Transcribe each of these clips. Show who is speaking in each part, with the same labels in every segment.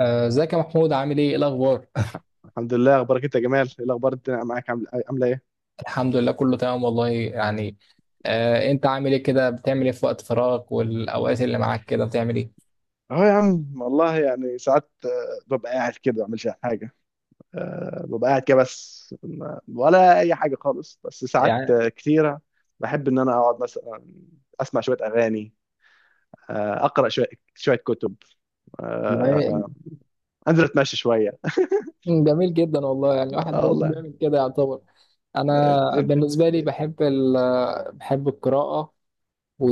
Speaker 1: ازيك يا محمود؟ عامل ايه؟ ايه الاخبار؟
Speaker 2: الحمد لله. اخبارك انت يا جمال؟ ايه الاخبار؟ الدنيا معاك عامله ايه؟
Speaker 1: الحمد لله كله تمام والله يعني. انت عامل ايه كده؟ بتعمل ايه في وقت فراغك والاوقات اللي معاك كده بتعمل ايه؟
Speaker 2: اه يا عم، والله يعني ساعات، ببقى قاعد كده، ما بعملش حاجه. ببقى قاعد كده، بس ولا اي حاجه خالص. بس ساعات
Speaker 1: يعني.
Speaker 2: كتيره. بحب ان انا اقعد، مثلا اسمع شويه اغاني، اقرا شويه، شويه كتب،
Speaker 1: والله
Speaker 2: آه، انزل اتمشى شويه.
Speaker 1: جميل جدا والله يعني الواحد
Speaker 2: اه
Speaker 1: برضه
Speaker 2: والله.
Speaker 1: بيعمل كده يعتبر.
Speaker 2: آه.
Speaker 1: انا
Speaker 2: آه.
Speaker 1: بالنسبه لي
Speaker 2: آه.
Speaker 1: بحب ال بحب القراءه و...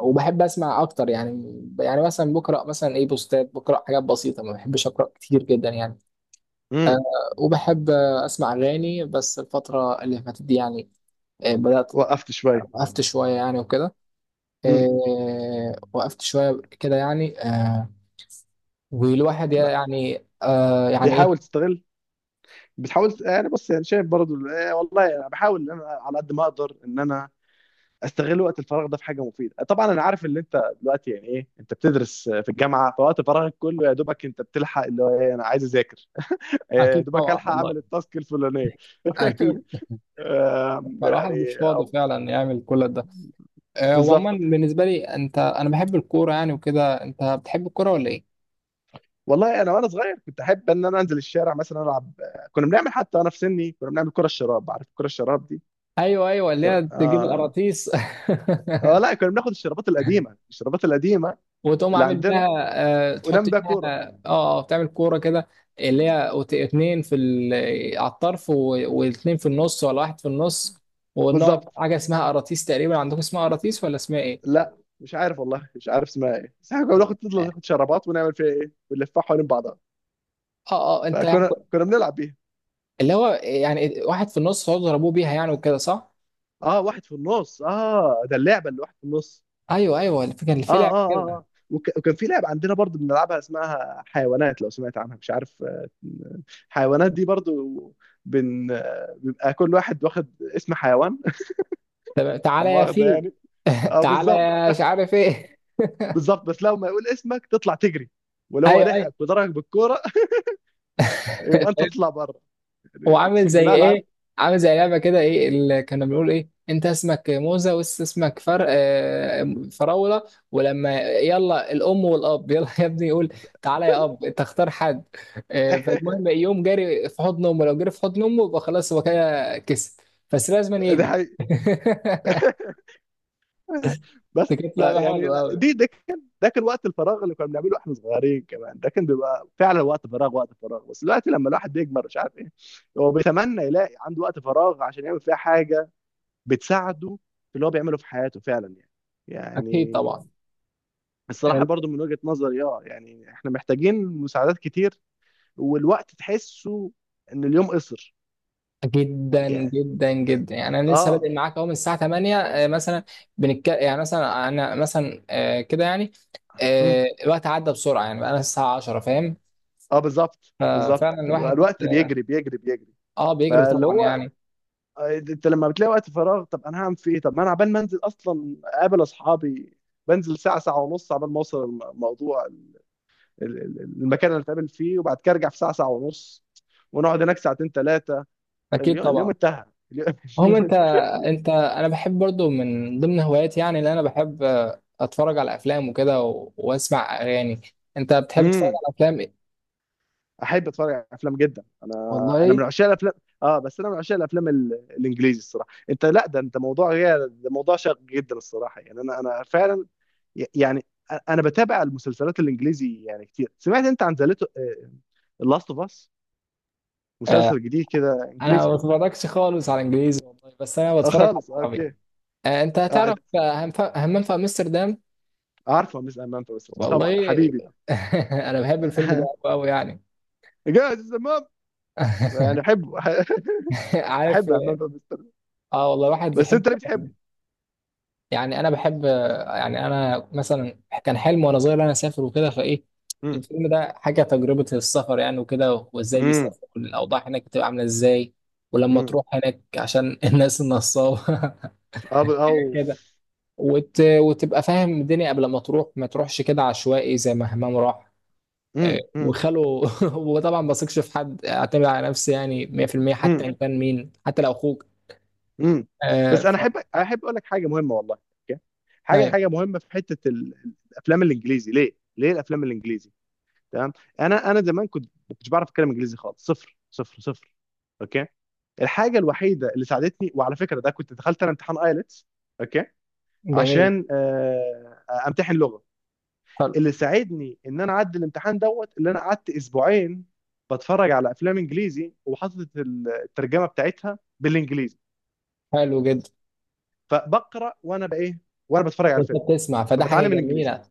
Speaker 1: وبحب اسمع اكتر يعني. يعني مثلا بقرا مثلا ايه بوستات، بقرا حاجات بسيطه، ما بحبش اقرا كتير جدا يعني. آه
Speaker 2: مم.
Speaker 1: وبحب اسمع اغاني، بس الفتره اللي فاتت دي يعني بدأت.
Speaker 2: وقفت شويه.
Speaker 1: وقفت شوية يعني وكده،
Speaker 2: مم.
Speaker 1: وقفت شوية كده يعني. والواحد
Speaker 2: لا.
Speaker 1: يعني يعني إيه.
Speaker 2: بيحاول تستغل، بتحاول. يعني بص، يعني شايف برضو، والله انا بحاول ان انا على قد ما اقدر ان انا استغل وقت الفراغ ده في حاجه مفيده. طبعا انا عارف ان انت دلوقتي، يعني ايه، انت بتدرس في الجامعه، فوقت فراغك كله يا دوبك انت بتلحق اللي هو ايه، انا عايز اذاكر، إيه، يا
Speaker 1: اكيد
Speaker 2: دوبك
Speaker 1: طبعا
Speaker 2: الحق
Speaker 1: والله،
Speaker 2: اعمل التاسك الفلانيه.
Speaker 1: اكيد. فالواحد مش
Speaker 2: يعني
Speaker 1: فاضي
Speaker 2: أو-
Speaker 1: فعلا يعمل كل ده. وعموما
Speaker 2: بالظبط.
Speaker 1: بالنسبة لي، أنا بحب الكورة يعني وكده. أنت بتحب الكورة ولا إيه؟
Speaker 2: والله انا وانا صغير كنت احب ان انا انزل الشارع مثلا العب. كنا بنعمل، حتى انا في سني، كنا بنعمل كره الشراب. عارف كره الشراب دي؟
Speaker 1: أيوه، أيوه، اللي هي
Speaker 2: كرة.
Speaker 1: تجيب
Speaker 2: آه.
Speaker 1: القراطيس.
Speaker 2: آه، لا، كنا بناخد الشرابات القديمة
Speaker 1: وتقوم
Speaker 2: اللي
Speaker 1: عامل
Speaker 2: عندنا
Speaker 1: بيها. تحط
Speaker 2: ونعمل بيها
Speaker 1: فيها،
Speaker 2: كوره.
Speaker 1: بتعمل كوره كده. اللي هي اتنين في على الطرف واتنين في النص، ولا واحد في النص.
Speaker 2: بالظبط.
Speaker 1: ونقعد حاجه اسمها قراطيس، تقريبا عندكم اسمها قراطيس ولا اسمها ايه؟
Speaker 2: لا مش عارف، والله مش عارف اسمها ايه، بس احنا كنا
Speaker 1: اه
Speaker 2: بناخد، نفضل ناخد شرابات ونعمل فيها ايه، ونلفها حوالين بعضها.
Speaker 1: انت يعني،
Speaker 2: فكنا بنلعب بيها.
Speaker 1: اللي هو يعني واحد في النص تقعدوا تضربوه بيها يعني وكده، صح؟
Speaker 2: اه، واحد في النص، اه ده اللعبه اللي واحد في النص.
Speaker 1: ايوه، ايوه، الفكره اللي
Speaker 2: اه،
Speaker 1: في لعب
Speaker 2: اه، اه،
Speaker 1: كده.
Speaker 2: اه، وكان في لعبه عندنا برضو بنلعبها اسمها حيوانات، لو سمعت عنها مش عارف. حيوانات دي برضو بيبقى كل واحد واخد اسم حيوان.
Speaker 1: طب
Speaker 2: لا
Speaker 1: تعالى يا
Speaker 2: مؤاخذه
Speaker 1: فيل.
Speaker 2: يعني. اه
Speaker 1: تعالى
Speaker 2: بالظبط
Speaker 1: يا مش عارف ايه.
Speaker 2: بالظبط. بس لو ما يقول اسمك تطلع تجري، ولو هو
Speaker 1: ايوه، ايوه.
Speaker 2: لحقك وضربك بالكوره يبقى انت تطلع بره.
Speaker 1: هو
Speaker 2: يعني،
Speaker 1: عامل
Speaker 2: اقسم
Speaker 1: زي
Speaker 2: بالله العب.
Speaker 1: ايه؟ عامل زي لعبه كده، ايه اللي كنا بنقول، ايه انت اسمك موزه وانت اسمك فر آه، فراوله. ولما يلا الام والاب يلا يا ابني يقول تعالى يا اب انت اختار حد. فالمهم يقوم جاري في حضن امه، لو جري في حضن امه يبقى خلاص هو كده كسب. بس لازم
Speaker 2: ده
Speaker 1: يجري.
Speaker 2: حقيقي.
Speaker 1: دي
Speaker 2: بس
Speaker 1: كانت لعبه
Speaker 2: يعني
Speaker 1: حلوه قوي.
Speaker 2: ده كان وقت الفراغ اللي كنا بنعمله احنا صغيرين. كمان ده كان بيبقى فعلا وقت فراغ، وقت فراغ. بس دلوقتي لما الواحد بيكبر مش عارف ايه، هو بيتمنى يلاقي عنده وقت فراغ عشان يعمل فيها حاجه بتساعده في اللي هو بيعمله في حياته، فعلا يعني
Speaker 1: اكيد طبعا.
Speaker 2: يعني الصراحه برضو من وجهه نظري، اه يعني احنا محتاجين مساعدات كتير، والوقت تحسه ان اليوم قصر،
Speaker 1: جدا
Speaker 2: يعني
Speaker 1: جدا جدا يعني. انا لسه
Speaker 2: اه.
Speaker 1: بادئ معاك اهو من الساعه 8 مثلا، بنتك يعني مثلا انا مثلا كده يعني.
Speaker 2: مم.
Speaker 1: الوقت عدى بسرعه يعني، بقى الساعه 10، فاهم؟
Speaker 2: اه بالظبط بالظبط،
Speaker 1: ففعلا الواحد،
Speaker 2: الوقت بيجري بيجري بيجري.
Speaker 1: بيجري
Speaker 2: فاللي
Speaker 1: طبعا
Speaker 2: هو،
Speaker 1: يعني.
Speaker 2: انت لما بتلاقي وقت فراغ، طب انا هعمل فيه ايه؟ طب ما انا عبال ما انزل اصلا اقابل اصحابي، بنزل ساعه ساعه ونص عبال ما اوصل الموضوع المكان اللي اتقابل فيه، وبعد كده ارجع في ساعه ساعه ونص، ونقعد هناك ساعتين 3.
Speaker 1: اكيد
Speaker 2: اليوم
Speaker 1: طبعا.
Speaker 2: اليوم انتهى. اليوم
Speaker 1: انت،
Speaker 2: اليوم-
Speaker 1: انا بحب برضو من ضمن هواياتي، يعني اللي انا بحب اتفرج على افلام وكده، واسمع اغاني. انت بتحب تتفرج
Speaker 2: امم
Speaker 1: على افلام ايه؟
Speaker 2: احب اتفرج على افلام جدا انا
Speaker 1: والله.
Speaker 2: من عشاق الافلام. اه بس انا من عشاق الافلام الانجليزي. الصراحه، انت، لا ده انت موضوع غير، ده موضوع شاق جدا الصراحه. يعني انا فعلا يعني انا بتابع المسلسلات الانجليزي يعني كتير. سمعت انت عن ذا لاست اوف اس؟
Speaker 1: آه،
Speaker 2: مسلسل جديد كده
Speaker 1: انا ما
Speaker 2: انجليزي.
Speaker 1: بتفرجش خالص على انجليزي والله، بس انا
Speaker 2: اه
Speaker 1: بتفرج على
Speaker 2: خالص
Speaker 1: عربي.
Speaker 2: اوكي.
Speaker 1: انت
Speaker 2: آه،
Speaker 1: هتعرف، همام في امستردام.
Speaker 2: عارفه مس امام فمستر، طبعا
Speaker 1: والله.
Speaker 2: ده حبيبي ده.
Speaker 1: انا بحب الفيلم ده قوي قوي يعني.
Speaker 2: جاهز يا امام، يعني احبه.
Speaker 1: عارف.
Speaker 2: احب امام فمستر.
Speaker 1: اه والله، واحد
Speaker 2: بس
Speaker 1: بيحب.
Speaker 2: انت ليه بتحبه؟
Speaker 1: يعني انا بحب يعني انا مثلا كان حلم وانا صغير انا اسافر وكده فايه.
Speaker 2: امم
Speaker 1: الفيلم ده حاجه تجربه السفر يعني وكده، وازاي
Speaker 2: امم
Speaker 1: بيسافر والاوضاع هناك بتبقى عامله ازاي، ولما
Speaker 2: امم
Speaker 1: تروح هناك عشان الناس النصابه.
Speaker 2: اه
Speaker 1: كده.
Speaker 2: أوف.
Speaker 1: وتبقى فاهم الدنيا قبل ما تروح، ما تروحش كده عشوائي زي ما همام راح
Speaker 2: امم امم
Speaker 1: وخاله. هو طبعا ما بثقش في حد، اعتمد على نفسي يعني 100%، حتى
Speaker 2: امم
Speaker 1: ان كان مين، حتى لو اخوك.
Speaker 2: امم
Speaker 1: آه
Speaker 2: بس انا
Speaker 1: ف...
Speaker 2: احب اقول لك حاجه مهمه والله. أوكي؟ حاجه
Speaker 1: ايوه.
Speaker 2: حاجه مهمه في حته الافلام الانجليزي. ليه، ليه الافلام الانجليزي؟ تمام. انا زمان كنت ما كنتش بعرف اتكلم انجليزي خالص، صفر صفر صفر. اوكي، الحاجه الوحيده اللي ساعدتني، وعلى فكره ده كنت دخلت انا امتحان ايلتس، اوكي،
Speaker 1: جميل.
Speaker 2: عشان امتحن لغه،
Speaker 1: حلو.
Speaker 2: اللي ساعدني ان انا اعدي الامتحان دوت، اللي انا قعدت اسبوعين بتفرج على افلام انجليزي، وحاطط الترجمه بتاعتها بالانجليزي.
Speaker 1: حلو جدا.
Speaker 2: فبقرا وانا بايه؟ وانا بتفرج على
Speaker 1: وانت
Speaker 2: الفيلم
Speaker 1: بتسمع، فده حاجه
Speaker 2: فبتعلم الانجليزي.
Speaker 1: جميله.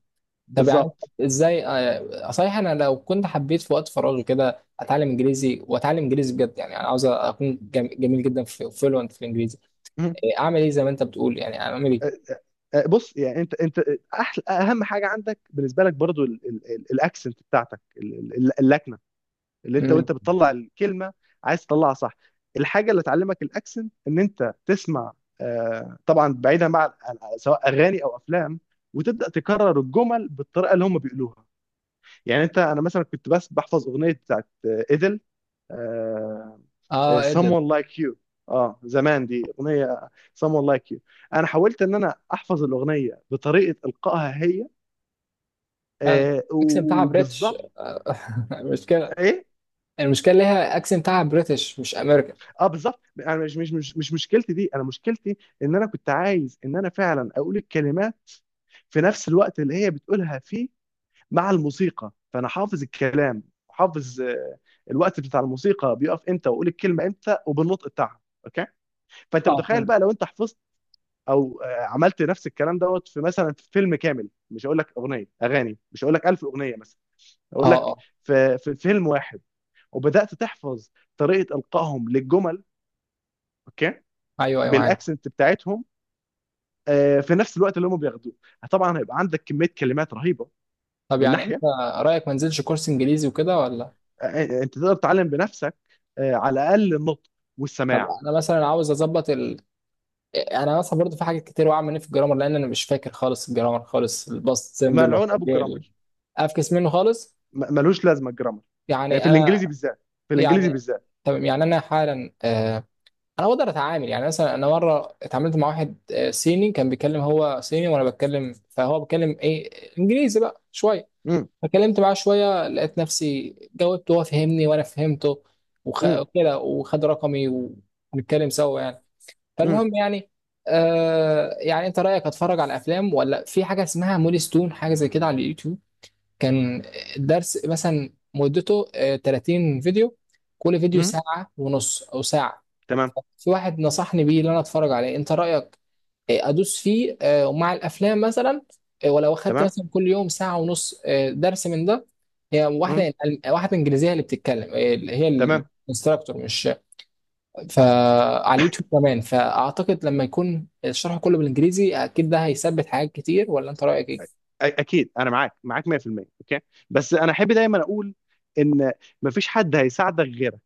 Speaker 1: طب يعني أنت،
Speaker 2: بالظبط.
Speaker 1: ازاي؟ آه صحيح، انا لو كنت حبيت في وقت فراغي كده اتعلم انجليزي واتعلم انجليزي بجد، يعني انا عاوز اكون جميل جدا في فلوينت في الانجليزي.
Speaker 2: مم.
Speaker 1: اعمل ايه زي ما انت بتقول يعني؟ اعمل ايه؟
Speaker 2: أ- بص يعني، انت احلى، اهم حاجه عندك بالنسبه لك برضو الاكسنت بتاعتك، اللكنه، اللي انت وانت
Speaker 1: مم.
Speaker 2: بتطلع الكلمه عايز تطلعها صح. الحاجه اللي تعلمك الاكسنت ان انت تسمع، طبعا بعيدا بقى سواء اغاني او افلام، وتبدا تكرر الجمل بالطريقه اللي هم بيقولوها. يعني انت، انا مثلا كنت بس بحفظ اغنيه بتاعت ايدل،
Speaker 1: اه، قدر.
Speaker 2: someone like you. اه زمان دي اغنيه، someone like you، انا حاولت ان انا احفظ الاغنيه بطريقه القائها هي.
Speaker 1: حلو.
Speaker 2: آه،
Speaker 1: اكسب بتاعها بريتش،
Speaker 2: وبالظبط.
Speaker 1: مشكله.
Speaker 2: ايه.
Speaker 1: المشكله اللي هي اكسنت بتاعها بريتش مش امريكان.
Speaker 2: اه بالظبط، انا مش مشكلتي دي. انا مشكلتي ان انا كنت عايز ان انا فعلا اقول الكلمات في نفس الوقت اللي هي بتقولها فيه، مع الموسيقى. فانا حافظ الكلام، حافظ الوقت بتاع الموسيقى بيقف امتى، واقول الكلمه امتى وبالنطق بتاعها. اوكي. فانت
Speaker 1: اه،
Speaker 2: متخيل
Speaker 1: فهمت.
Speaker 2: بقى لو انت حفظت، او عملت نفس الكلام دوت في، مثلا، في فيلم كامل. مش هقول لك اغاني، مش هقول لك 1000 اغنيه مثلا،
Speaker 1: اه،
Speaker 2: هقول لك
Speaker 1: اه.
Speaker 2: في فيلم واحد، وبدات تحفظ طريقه القائهم للجمل، اوكي،
Speaker 1: ايوه، ايوه، معاك.
Speaker 2: بالاكسنت بتاعتهم، في نفس الوقت اللي هم بياخدوه. طبعا هيبقى عندك كميه كلمات رهيبه
Speaker 1: طب
Speaker 2: من
Speaker 1: يعني انت
Speaker 2: ناحيه.
Speaker 1: رايك ما انزلش كورس انجليزي وكده ولا؟
Speaker 2: انت تقدر تتعلم بنفسك، على الاقل النطق
Speaker 1: طب
Speaker 2: والسماع.
Speaker 1: انا مثلا عاوز اظبط يعني انا مثلا برضو في حاجات كتير واقع مني في الجرامر، لان انا مش فاكر خالص الجرامر خالص، الباست سيمبل
Speaker 2: ملعون
Speaker 1: والحاجات
Speaker 2: ابو الجرامر.
Speaker 1: دي. افكس منه خالص.
Speaker 2: ملوش لازمه الجرامر
Speaker 1: يعني
Speaker 2: في
Speaker 1: انا،
Speaker 2: الانجليزي بالذات، في الانجليزي
Speaker 1: يعني
Speaker 2: بالذات.
Speaker 1: تمام. يعني انا حالا انا بقدر اتعامل، يعني مثلا انا مره اتعاملت مع واحد صيني، كان بيتكلم، هو صيني وانا بتكلم، فهو بيتكلم ايه، انجليزي بقى شويه.
Speaker 2: مم.
Speaker 1: فكلمت معاه شوية، لقيت نفسي جاوبت وهو فهمني وأنا فهمته،
Speaker 2: مم.
Speaker 1: وكده وخد رقمي ونتكلم سوا يعني.
Speaker 2: مم.
Speaker 1: فالمهم يعني يعني أنت رأيك أتفرج على أفلام، ولا في حاجة اسمها مولي ستون، حاجة زي كده على اليوتيوب؟ كان الدرس مثلا مدته 30 فيديو، كل فيديو
Speaker 2: مم.
Speaker 1: ساعة ونص أو ساعة.
Speaker 2: تمام
Speaker 1: في واحد نصحني بيه إن أنا أتفرج عليه، أنت رأيك؟ ادوس فيه ومع الافلام مثلا، ولو اخدت
Speaker 2: تمام
Speaker 1: مثلا كل يوم ساعه ونص درس من ده. هي واحده، واحده انجليزيه اللي بتتكلم، اللي هي
Speaker 2: تمام.
Speaker 1: الانستراكتور، مش؟ فعلى اليوتيوب كمان، فاعتقد لما يكون الشرح كله بالانجليزي اكيد ده هيثبت حاجات كتير، ولا انت رايك ايه؟
Speaker 2: اكيد انا معاك معاك 100% اوكي. بس انا احب دايما اقول ان مفيش حد هيساعدك غيرك.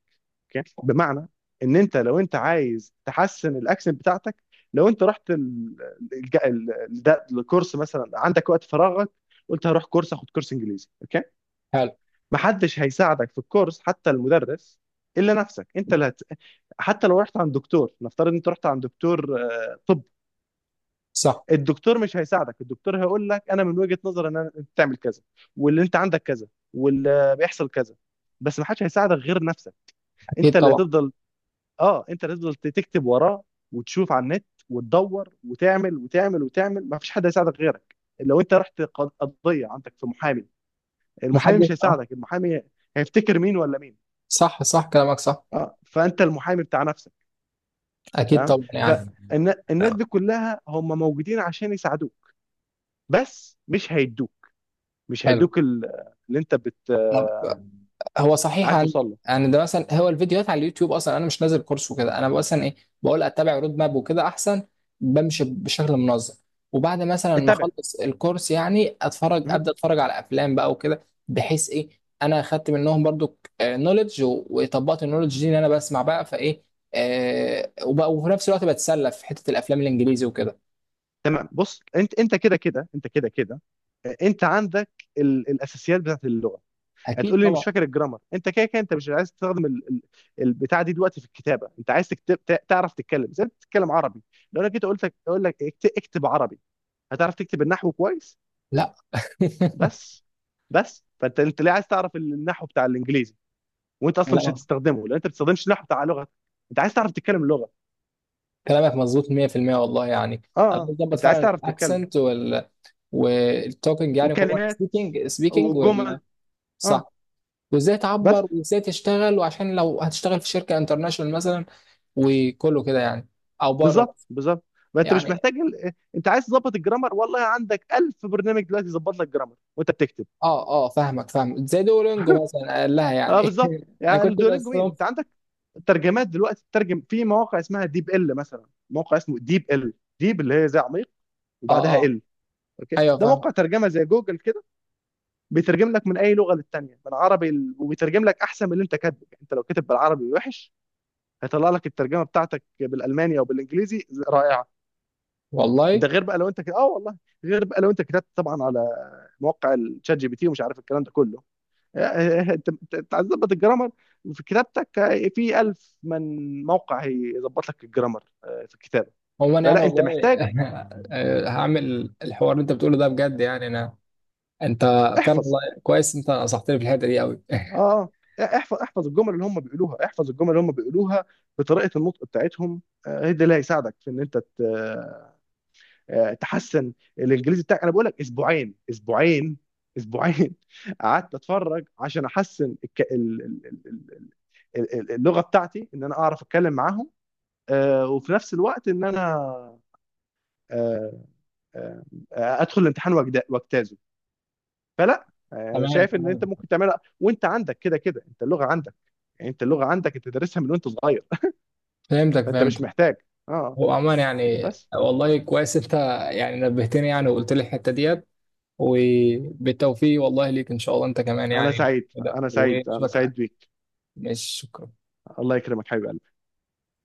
Speaker 2: اوكي، بمعنى ان انت، لو انت عايز تحسن الاكسنت بتاعتك، لو انت رحت ال... الج- ال... ال- ده الكورس مثلا، عندك وقت فراغك، قلت هروح كورس، اخد كورس انجليزي، اوكي،
Speaker 1: حلو.
Speaker 2: محدش هيساعدك في الكورس حتى المدرس، الا نفسك. انت اللي حتى لو رحت عند دكتور، نفترض انت رحت عند دكتور، طب،
Speaker 1: صح.
Speaker 2: الدكتور مش هيساعدك. الدكتور هيقول لك انا من وجهة نظري، ان انت تعمل كذا، واللي انت عندك كذا، واللي بيحصل كذا. بس ما حدش هيساعدك غير نفسك. انت
Speaker 1: اكيد
Speaker 2: اللي
Speaker 1: طبعا.
Speaker 2: هتفضل اه انت اللي هتفضل تكتب وراه، وتشوف على النت، وتدور، وتعمل وتعمل وتعمل. ما فيش حد هيساعدك غيرك. لو انت رحت قضية عندك في محامي، المحامي
Speaker 1: محدش،
Speaker 2: مش
Speaker 1: اه.
Speaker 2: هيساعدك. المحامي هيفتكر مين ولا مين؟
Speaker 1: صح، صح، كلامك صح.
Speaker 2: اه فانت المحامي بتاع نفسك.
Speaker 1: اكيد
Speaker 2: تمام.
Speaker 1: طبعا يعني.
Speaker 2: فالناس دي كلها هم موجودين عشان يساعدوك، بس مش هيدوك مش
Speaker 1: حلو.
Speaker 2: هيدوك اللي انت
Speaker 1: طب، هو صحيح،
Speaker 2: عايز
Speaker 1: عن
Speaker 2: توصل له.
Speaker 1: يعني ده مثلا، هو الفيديوهات على اليوتيوب، اصلا انا مش نازل كورس وكده، انا مثلا ايه، بقول اتبع رود ماب وكده احسن، بمشي بشكل منظم. وبعد مثلا ما
Speaker 2: اتبع
Speaker 1: اخلص الكورس يعني اتفرج،
Speaker 2: مهم.
Speaker 1: ابدا اتفرج على افلام بقى وكده، بحيث ايه انا اخدت منهم برضو نولج وطبقت النولج دي ان انا بسمع بقى فايه. وبقى وفي نفس الوقت بتسلى في حته الافلام الانجليزي وكده.
Speaker 2: تمام. بص انت، كده كده، انت عندك الاساسيات بتاعت اللغه.
Speaker 1: اكيد
Speaker 2: هتقول لي
Speaker 1: طبعا.
Speaker 2: مش فاكر الجرامر. انت كده كده انت مش عايز تستخدم البتاع دي دلوقتي في الكتابه. انت عايز تعرف تتكلم زي ما بتتكلم عربي. لو انا جيت قلت لك اقول لك اكتب عربي، هتعرف تكتب النحو كويس؟
Speaker 1: لا.
Speaker 2: بس بس فانت ليه عايز تعرف النحو بتاع الانجليزي وانت اصلا مش
Speaker 1: لا،
Speaker 2: هتستخدمه، لان انت ما بتستخدمش النحو بتاع لغتك؟ انت عايز تعرف تتكلم اللغه.
Speaker 1: كلامك مظبوط 100% والله يعني.
Speaker 2: اه،
Speaker 1: انا عايز
Speaker 2: اه،
Speaker 1: اظبط
Speaker 2: انت
Speaker 1: فعلا
Speaker 2: عايز تعرف تتكلم،
Speaker 1: الاكسنت والتوكينج يعني،
Speaker 2: وكلمات،
Speaker 1: سبيكينج سبيكينج
Speaker 2: وجمل. اه
Speaker 1: صح. وازاي
Speaker 2: بس،
Speaker 1: تعبر، وازاي تشتغل، وعشان لو هتشتغل في شركه انترناشونال مثلا، وكله كده يعني، او بره
Speaker 2: بالظبط
Speaker 1: مثلا.
Speaker 2: بالظبط. ما انت مش
Speaker 1: يعني
Speaker 2: محتاج انت عايز تظبط الجرامر، والله عندك ألف برنامج دلوقتي يظبط لك جرامر وانت بتكتب.
Speaker 1: اه، اه، فاهمك، فاهم، زي دولينجو مثلا قال لها
Speaker 2: اه
Speaker 1: يعني.
Speaker 2: بالظبط،
Speaker 1: انا
Speaker 2: يعني
Speaker 1: كنت
Speaker 2: الدولينجو
Speaker 1: بس
Speaker 2: مين؟ انت عندك ترجمات دلوقتي، تترجم في مواقع اسمها ديب ال. مثلا موقع اسمه ديب ال، ديب اللي هي زي عميق، وبعدها
Speaker 1: اه،
Speaker 2: ال. اوكي،
Speaker 1: ايوه،
Speaker 2: ده
Speaker 1: فاهمك.
Speaker 2: موقع ترجمه زي جوجل كده، بيترجم لك من اي لغه للتانيه، من عربي وبيترجم لك احسن من اللي انت كاتبه. يعني انت لو كاتب بالعربي وحش، هيطلع لك الترجمه بتاعتك بالالماني او بالانجليزي رائعه.
Speaker 1: والله
Speaker 2: ده غير بقى لو انت كده، اه والله، غير بقى لو انت كتبت طبعا على موقع الشات جي بي تي ومش عارف الكلام ده كله. انت، أنت عايز تظبط الجرامر في كتابتك، في ألف من موقع هيظبط لك الجرامر في الكتابه.
Speaker 1: عموما يعني
Speaker 2: فلا انت محتاج.
Speaker 1: والله. هعمل الحوار اللي انت بتقوله ده بجد يعني انا. انت فعلا
Speaker 2: احفظ.
Speaker 1: والله، كويس انت نصحتني في الحته دي قوي.
Speaker 2: اه احفظ الجمل اللي هم بيقولوها، احفظ الجمل اللي هم بيقولوها بطريقه النطق بتاعتهم، هي دي اللي هيساعدك في ان انت تحسن الانجليزي بتاعك. انا بقول لك اسبوعين، اسبوعين، اسبوعين قعدت اتفرج عشان احسن الك... ال... ال... ال... ال- ال- اللغه بتاعتي، ان انا اعرف اتكلم معاهم، وفي نفس الوقت ان انا آه، آه، ادخل الامتحان واجتازه. فلا، انا
Speaker 1: تمام،
Speaker 2: شايف ان انت
Speaker 1: تمام.
Speaker 2: ممكن تعملها، وانت عندك كده كده. انت اللغه عندك، يعني انت اللغه عندك، انت دارسها من وانت صغير.
Speaker 1: فهمتك،
Speaker 2: فانت مش
Speaker 1: فهمتك.
Speaker 2: محتاج. اه
Speaker 1: هو عموما يعني
Speaker 2: بس،
Speaker 1: والله، كويس انت يعني نبهتني يعني، وقلت لي الحته ديت. وبالتوفيق والله ليك ان شاء الله انت كمان
Speaker 2: انا
Speaker 1: يعني،
Speaker 2: سعيد،
Speaker 1: كده
Speaker 2: انا سعيد، انا سعيد
Speaker 1: واشوفك.
Speaker 2: بيك.
Speaker 1: مش، شكرا.
Speaker 2: الله يكرمك حبيبي.